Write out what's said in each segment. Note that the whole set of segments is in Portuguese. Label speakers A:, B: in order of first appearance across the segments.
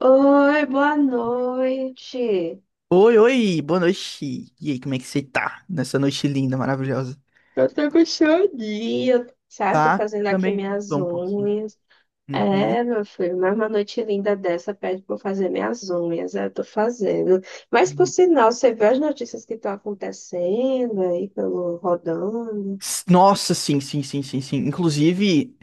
A: Oi, boa noite.
B: Oi, oi, boa noite. E aí, como é que você tá nessa noite linda, maravilhosa?
A: Eu tô com chorinho, sabe? Tô
B: Tá?
A: fazendo aqui
B: Também
A: minhas
B: tô um pouquinho.
A: unhas.
B: Uhum.
A: É, meu filho, mas uma noite linda dessa pede pra eu fazer minhas unhas. Eu tô fazendo. Mas, por
B: Uhum.
A: sinal, você vê as notícias que estão acontecendo aí pelo rodando?
B: Nossa, sim. Inclusive,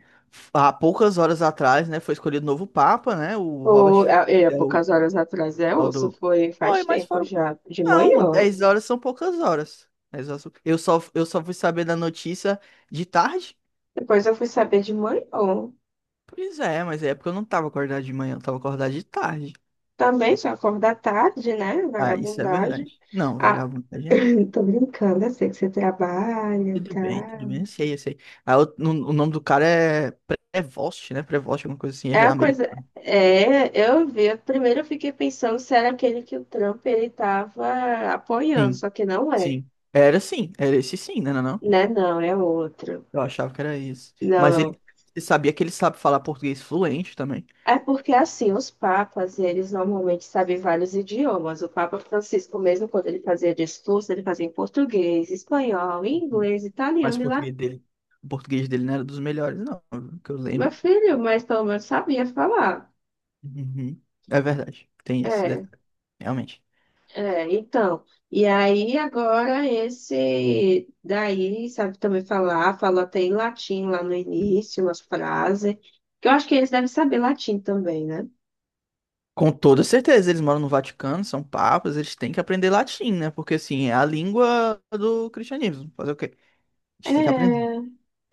B: há poucas horas atrás, né, foi escolhido o novo Papa, né? O Robert é o
A: Poucas horas atrás,
B: tal
A: isso
B: do.
A: foi
B: Oi,
A: faz
B: mas
A: tempo
B: foram.
A: já, de
B: Não,
A: manhã.
B: 10 horas são poucas horas. Eu só fui saber da notícia de tarde.
A: Depois eu fui saber de manhã.
B: Pois é, mas é porque eu não tava acordado de manhã, eu tava acordado de tarde.
A: Também só acordar tarde, né?
B: Ah, isso é
A: Vagabundagem.
B: verdade. Não,
A: Ah,
B: vagabundo, tá.
A: Tô brincando, eu sei que você trabalha, tá?
B: Tudo bem, eu sei, eu sei. Ah, o, no- O nome do cara é Prevost, né? Prevost, alguma coisa assim,
A: É
B: ele é
A: a coisa.
B: americano.
A: É, eu vi. Primeiro eu fiquei pensando se era aquele que o Trump ele tava apoiando,
B: Sim,
A: só que não é.
B: sim. Era sim, era esse sim, né? Não, não?
A: Né? Não, é outro.
B: Eu achava que era isso.
A: Não,
B: Mas
A: não.
B: ele, você sabia que ele sabe falar português fluente também.
A: É porque assim, os papas, eles normalmente sabem vários idiomas. O Papa Francisco, mesmo quando ele fazia discurso, ele fazia em português, espanhol,
B: Hum.
A: inglês,
B: Mas
A: italiano
B: o
A: e...
B: português dele, o português dele não era dos melhores, não, que eu
A: Meu
B: lembro.
A: filho, mas pelo menos sabia falar.
B: Uhum. É verdade, tem esse
A: É,
B: detalhe, realmente.
A: então. E aí, agora, esse daí sabe também falar, falou até em latim lá no início, umas frases. Que eu acho que eles devem saber latim também, né?
B: Com toda certeza, eles moram no Vaticano, são papas, eles têm que aprender latim, né? Porque assim, é a língua do cristianismo. Fazer o quê? A
A: É,
B: gente tem que aprender.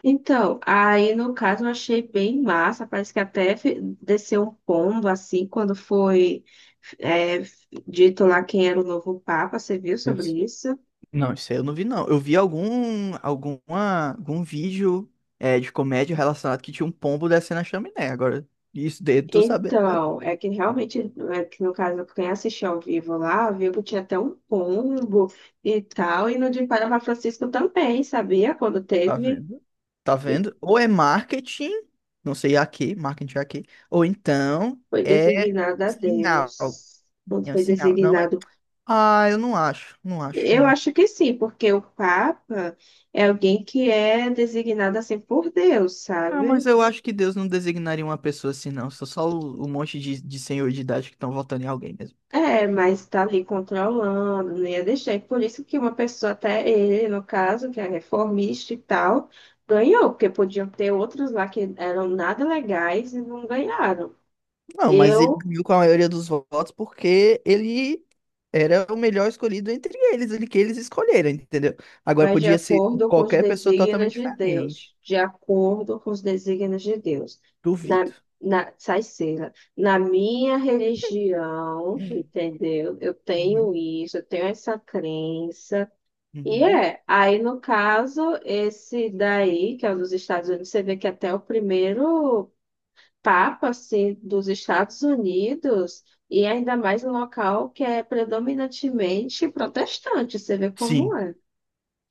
A: então, aí no caso eu achei bem massa, parece que até desceu um pombo assim quando foi é, dito lá quem era o novo Papa, você viu sobre
B: Deus.
A: isso?
B: Não, isso aí eu não vi, não. Eu vi algum vídeo de comédia relacionado que tinha um pombo descendo a chaminé. Agora, isso dele eu tô sabendo. Não.
A: Então, é que realmente, é que no caso, quem assistiu ao vivo lá, viu que tinha até um pombo e tal, e no de Panamá Francisco também, sabia? Quando
B: Tá
A: teve,
B: vendo? Tá
A: que
B: vendo? Ou é marketing, não sei a que, marketing a que, ou então
A: foi
B: é
A: designado a
B: sinal.
A: Deus. Quando
B: É um
A: foi
B: sinal. Não é.
A: designado.
B: Ah, eu não acho, não acho, não
A: Eu
B: acho.
A: acho que sim, porque o Papa é alguém que é designado assim por Deus,
B: Ah, mas
A: sabe?
B: eu acho que Deus não designaria uma pessoa assim, não. Sou só o monte de senhor de idade que estão votando em alguém mesmo.
A: É, mas tá ali controlando, não ia deixar. E por isso que uma pessoa, até ele, no caso, que é reformista e tal, ganhou, porque podiam ter outros lá que eram nada legais e não ganharam.
B: Não, mas ele
A: Eu
B: ganhou com a maioria dos votos porque ele era o melhor escolhido entre eles, ele que eles escolheram, entendeu? Agora
A: vai de
B: podia ser
A: acordo com os
B: qualquer pessoa
A: desígnios
B: totalmente
A: de
B: diferente.
A: Deus, de acordo com os desígnios de Deus. Na,
B: Duvido.
A: sai cera. Na minha religião,
B: Hum.
A: entendeu? Eu
B: Uhum,
A: tenho isso, eu tenho essa crença. E
B: uhum.
A: é, aí no caso, esse daí, que é o dos Estados Unidos, você vê que até o primeiro papa, assim, dos Estados Unidos, e ainda mais no local que é predominantemente protestante, você vê
B: Sim,
A: como é.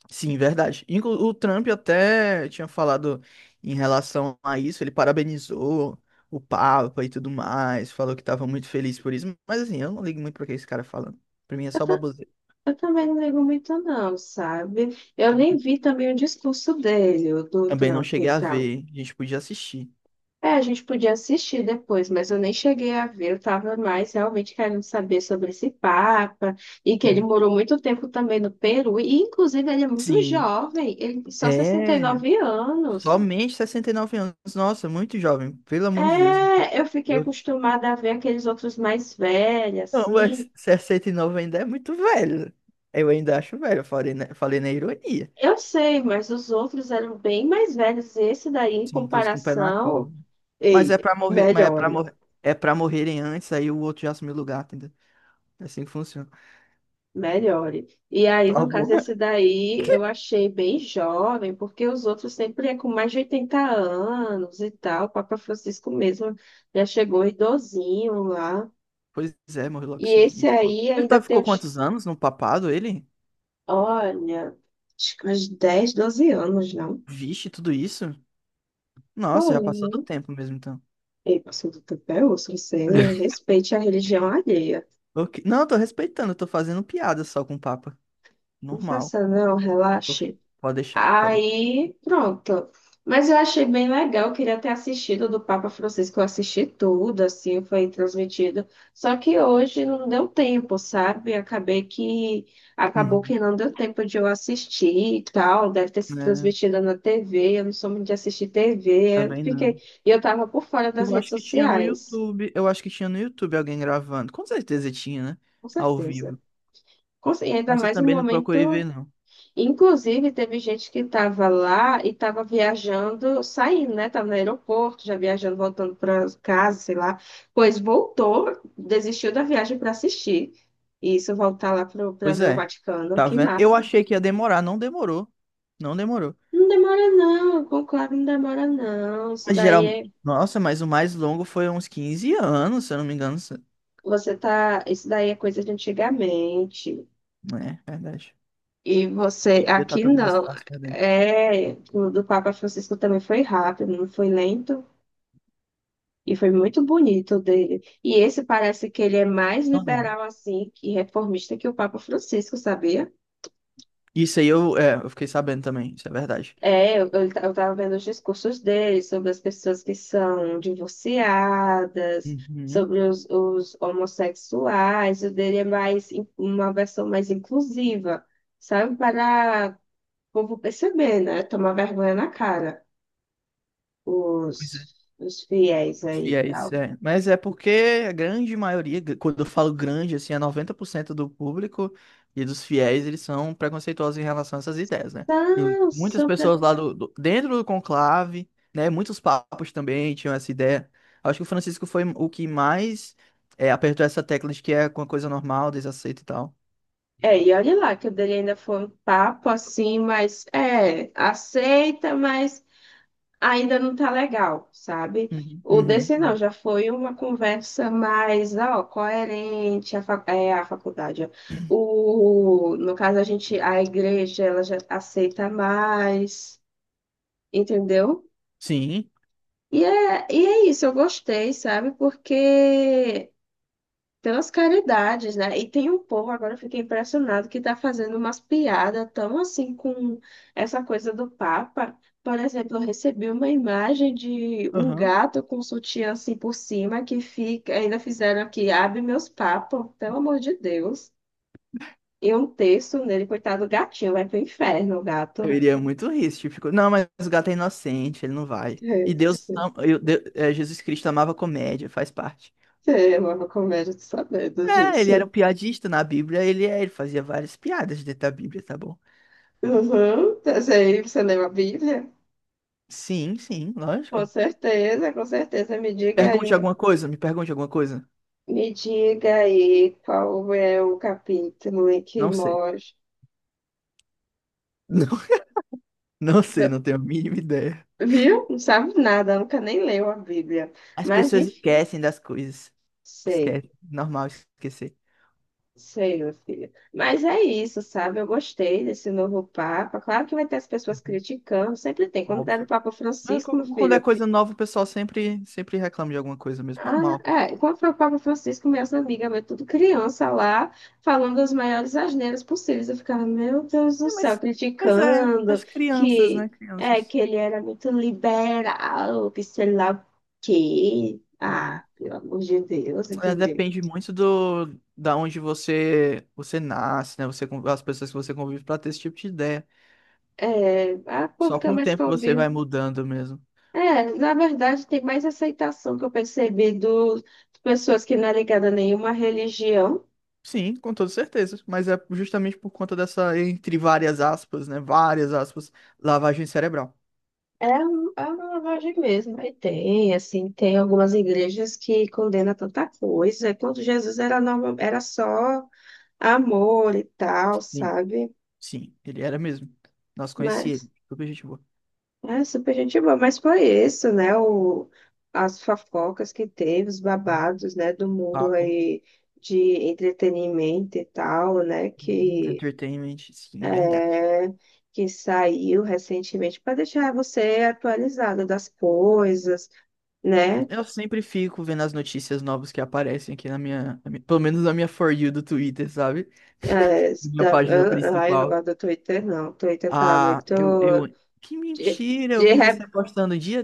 B: sim, verdade. Inclu O Trump até tinha falado em relação a isso, ele parabenizou o Papa e tudo mais, falou que estava muito feliz por isso, mas assim, eu não ligo muito para que esse cara falando. Pra mim é só baboseira.
A: Eu também não ligo muito não, sabe? Eu nem vi também o discurso dele, o do
B: Também não
A: Trump e
B: cheguei a
A: tal.
B: ver, a gente podia assistir.
A: É, a gente podia assistir depois, mas eu nem cheguei a ver. Eu tava mais realmente querendo saber sobre esse Papa e que ele morou muito tempo também no Peru. E, inclusive, ele é muito
B: Sim.
A: jovem, ele tem só sessenta e
B: É.
A: nove anos.
B: Somente 69 anos. Nossa, muito jovem. Pelo amor de Deus.
A: É, eu fiquei
B: Eu...
A: acostumada a ver aqueles outros mais velhos,
B: Não, mas
A: assim.
B: 69 ainda é muito velho. Eu ainda acho velho. Eu falei falei na ironia.
A: Eu sei, mas os outros eram bem mais velhos. Esse daí, em
B: Sim, todos com o pé na
A: comparação.
B: cova. Mas é
A: Ei,
B: pra morrer. Mas é
A: melhor.
B: pra morrer. É pra morrerem antes, aí o outro já assumiu o lugar, entendeu? É assim que funciona.
A: Melhore. E aí,
B: Tá
A: no
B: bom.
A: caso, esse daí eu achei bem jovem, porque os outros sempre é com mais de 80 anos e tal. O Papa Francisco mesmo já chegou idosinho lá.
B: Pois é, morreu
A: E
B: logo
A: esse
B: seguido, pô.
A: aí ainda tem
B: Ficou
A: uns,
B: quantos anos no papado, ele?
A: olha, acho que uns 10 12 anos, não?
B: Vixe, tudo isso? Nossa, já
A: Olha,
B: passou do
A: né?
B: tempo mesmo, então.
A: Ei, pastor do Tapéu, você respeite a religião alheia.
B: Ok. Não, eu tô respeitando, eu tô fazendo piada só com o Papa.
A: Não
B: Normal.
A: faça não,
B: Ok.
A: relaxe.
B: Pode deixar, pode deixar.
A: Aí, pronto. Mas eu achei bem legal, eu queria ter assistido do Papa Francisco, eu assisti tudo, assim, foi transmitido. Só que hoje não deu tempo, sabe? Acabei que acabou
B: Uhum.
A: que não deu tempo de eu assistir e tal, deve ter sido
B: É,
A: transmitida na TV, eu não sou muito de assistir TV, eu
B: também
A: fiquei,
B: não.
A: e eu tava por fora das
B: Eu
A: redes
B: acho que tinha no
A: sociais,
B: YouTube. Eu acho que tinha no YouTube alguém gravando. Com certeza tinha, né?
A: com
B: Ao
A: certeza.
B: vivo.
A: E ainda
B: Mas eu
A: mais no
B: também não procurei ver,
A: momento.
B: não.
A: Inclusive, teve gente que estava lá e estava viajando, saindo, né? Estava no aeroporto, já viajando, voltando para casa, sei lá. Pois voltou, desistiu da viagem para assistir. E isso, voltar lá para
B: Pois
A: ver o
B: é.
A: Vaticano.
B: Tá
A: Que
B: vendo? Eu
A: massa.
B: achei que ia demorar, não demorou. Não demorou.
A: Não demora, não. Conclave não demora, não. Isso
B: Mas
A: daí
B: geralmente.
A: é,
B: Nossa, mas o mais longo foi uns 15 anos, se eu não me engano.
A: você tá, isso daí é coisa de antigamente.
B: É, verdade.
A: E você,
B: Hoje em dia tá
A: aqui
B: tudo mais
A: não.
B: fácil, verdade.
A: É, o do Papa Francisco também foi rápido, não foi lento. E foi muito bonito o dele. E esse parece que ele é mais
B: Não lembro.
A: liberal assim e reformista que o Papa Francisco, sabia?
B: Isso aí eu, eu fiquei sabendo também, isso é verdade.
A: É, eu tava vendo os discursos dele sobre as pessoas que são divorciadas,
B: Uhum.
A: sobre os homossexuais. O dele é mais uma versão mais inclusiva, sabe? Para o povo perceber, né? Tomar vergonha na cara,
B: Pois é.
A: os fiéis
B: Os
A: aí e
B: fiéis,
A: tal.
B: é. Mas é porque a grande maioria, quando eu falo grande, assim, é 90% do público e dos fiéis, eles são preconceituosos em relação a essas ideias, né? E muitas
A: Nossa.
B: pessoas lá dentro do conclave, né? Muitos papas também tinham essa ideia. Acho que o Francisco foi o que mais apertou essa tecla de que é uma coisa normal, desaceito e tal.
A: É, e olha lá que o dele ainda foi um papo assim, mas é, aceita, mas ainda não tá legal, sabe?
B: Uhum.
A: O desse não,
B: Uhum.
A: já foi uma conversa mais, ó, coerente, a faculdade, ó. O, no caso, a gente, a igreja, ela já aceita mais, entendeu?
B: Sim.
A: E é isso, eu gostei, sabe? Porque pelas caridades, né? E tem um povo, agora eu fiquei impressionado, que tá fazendo umas piadas tão assim com essa coisa do Papa. Por exemplo, eu recebi uma imagem de um gato com sutiã assim por cima que fica, ainda fizeram aqui, abre meus papos, pelo amor de Deus. E um texto nele, coitado do gatinho, vai pro inferno o
B: Eu
A: gato.
B: iria muito rir se tipo, não, mas o gato é inocente, ele não vai. E Deus, Jesus Cristo amava comédia, faz parte.
A: É uma comédia de sabedos
B: É, ele era um
A: disso.
B: piadista na Bíblia, ele, ele fazia várias piadas dentro da Bíblia, tá bom?
A: Uhum. Essa aí, você leu a Bíblia?
B: Sim, sim,
A: Com
B: lógico.
A: certeza, com certeza. Me diga aí.
B: Pergunte alguma coisa, me pergunte alguma coisa.
A: Me diga aí qual é o capítulo em que
B: Não sei.
A: mostra.
B: Não, não sei, não tenho a mínima ideia.
A: Viu? Não sabe nada, nunca nem leu a Bíblia.
B: As
A: Mas
B: pessoas
A: enfim,
B: esquecem das coisas.
A: sei,
B: Esquece, normal esquecer.
A: sei, meu filho. Mas é isso, sabe? Eu gostei desse novo Papa. Claro que vai ter as pessoas
B: Uhum.
A: criticando, sempre tem. Quando tá
B: Óbvio.
A: no Papa Francisco, meu
B: Quando é
A: filho...
B: coisa nova, o pessoal sempre, sempre reclama de alguma coisa mesmo, normal.
A: Quando foi o Papa Francisco, minhas amigas, meu, tudo criança lá, falando as maiores asneiras possíveis. Eu ficava, meu Deus do
B: É,
A: céu,
B: mas, pois é,
A: criticando
B: mas crianças,
A: que,
B: né? Crianças.
A: que ele era muito liberal, que sei lá o quê.
B: Uhum.
A: Ah, pelo amor de Deus,
B: É,
A: entendeu?
B: depende muito do da onde você nasce, né? As pessoas que você convive para ter esse tipo de ideia.
A: É, a o povo
B: Só
A: fica
B: com o
A: mais
B: tempo que você
A: convivo.
B: vai mudando mesmo.
A: É, na verdade, tem mais aceitação que eu percebi de pessoas que não é ligada a nenhuma religião.
B: Sim, com toda certeza. Mas é justamente por conta dessa, entre várias aspas, né? Várias aspas, lavagem cerebral.
A: É, é uma lavagem mesmo. Aí tem, assim, tem algumas igrejas que condenam tanta coisa. Quando Jesus era, normal era só amor e tal,
B: Sim,
A: sabe?
B: sim, ele era mesmo. Nós conheci
A: Mas
B: ele. Super gente boa.
A: é super gente boa. Mas foi isso, né? O, as fofocas que teve, os
B: Uhum.
A: babados, né? Do mundo
B: Papo.
A: aí de entretenimento e tal, né?
B: Uhum.
A: Que,
B: Entertainment, sim, verdade.
A: é, que saiu recentemente para deixar você atualizado das coisas, né?
B: Eu sempre fico vendo as notícias novas que aparecem aqui pelo menos na minha For You do Twitter, sabe?
A: É, isso
B: Minha
A: tá,
B: página
A: eu, ai, eu não
B: principal.
A: gosto do Twitter, não. O Twitter tá
B: Ah,
A: muito.
B: que
A: De,
B: mentira, eu
A: de,
B: vi
A: re-
B: você postando dia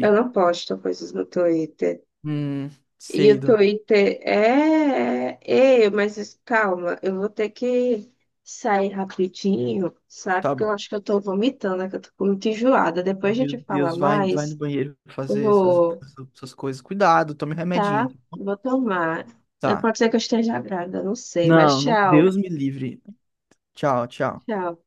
A: eu não posto coisas no Twitter.
B: Hum,
A: E
B: sei,
A: o
B: dona.
A: Twitter é. Ei, mas calma, eu vou ter que sair rapidinho, sabe?
B: Tá
A: Porque eu
B: bom.
A: acho que eu tô vomitando, né? Que eu tô muito enjoada. Depois a
B: Meu
A: gente fala
B: Deus, vai, vai no
A: mais.
B: banheiro
A: Eu
B: fazer suas,
A: vou.
B: suas coisas. Cuidado, tome um remedinho.
A: Tá? Vou tomar.
B: Tá.
A: Pode ser que eu esteja grávida, não sei, mas
B: Não, não,
A: tchau.
B: Deus me livre. Tchau, tchau.
A: Tchau.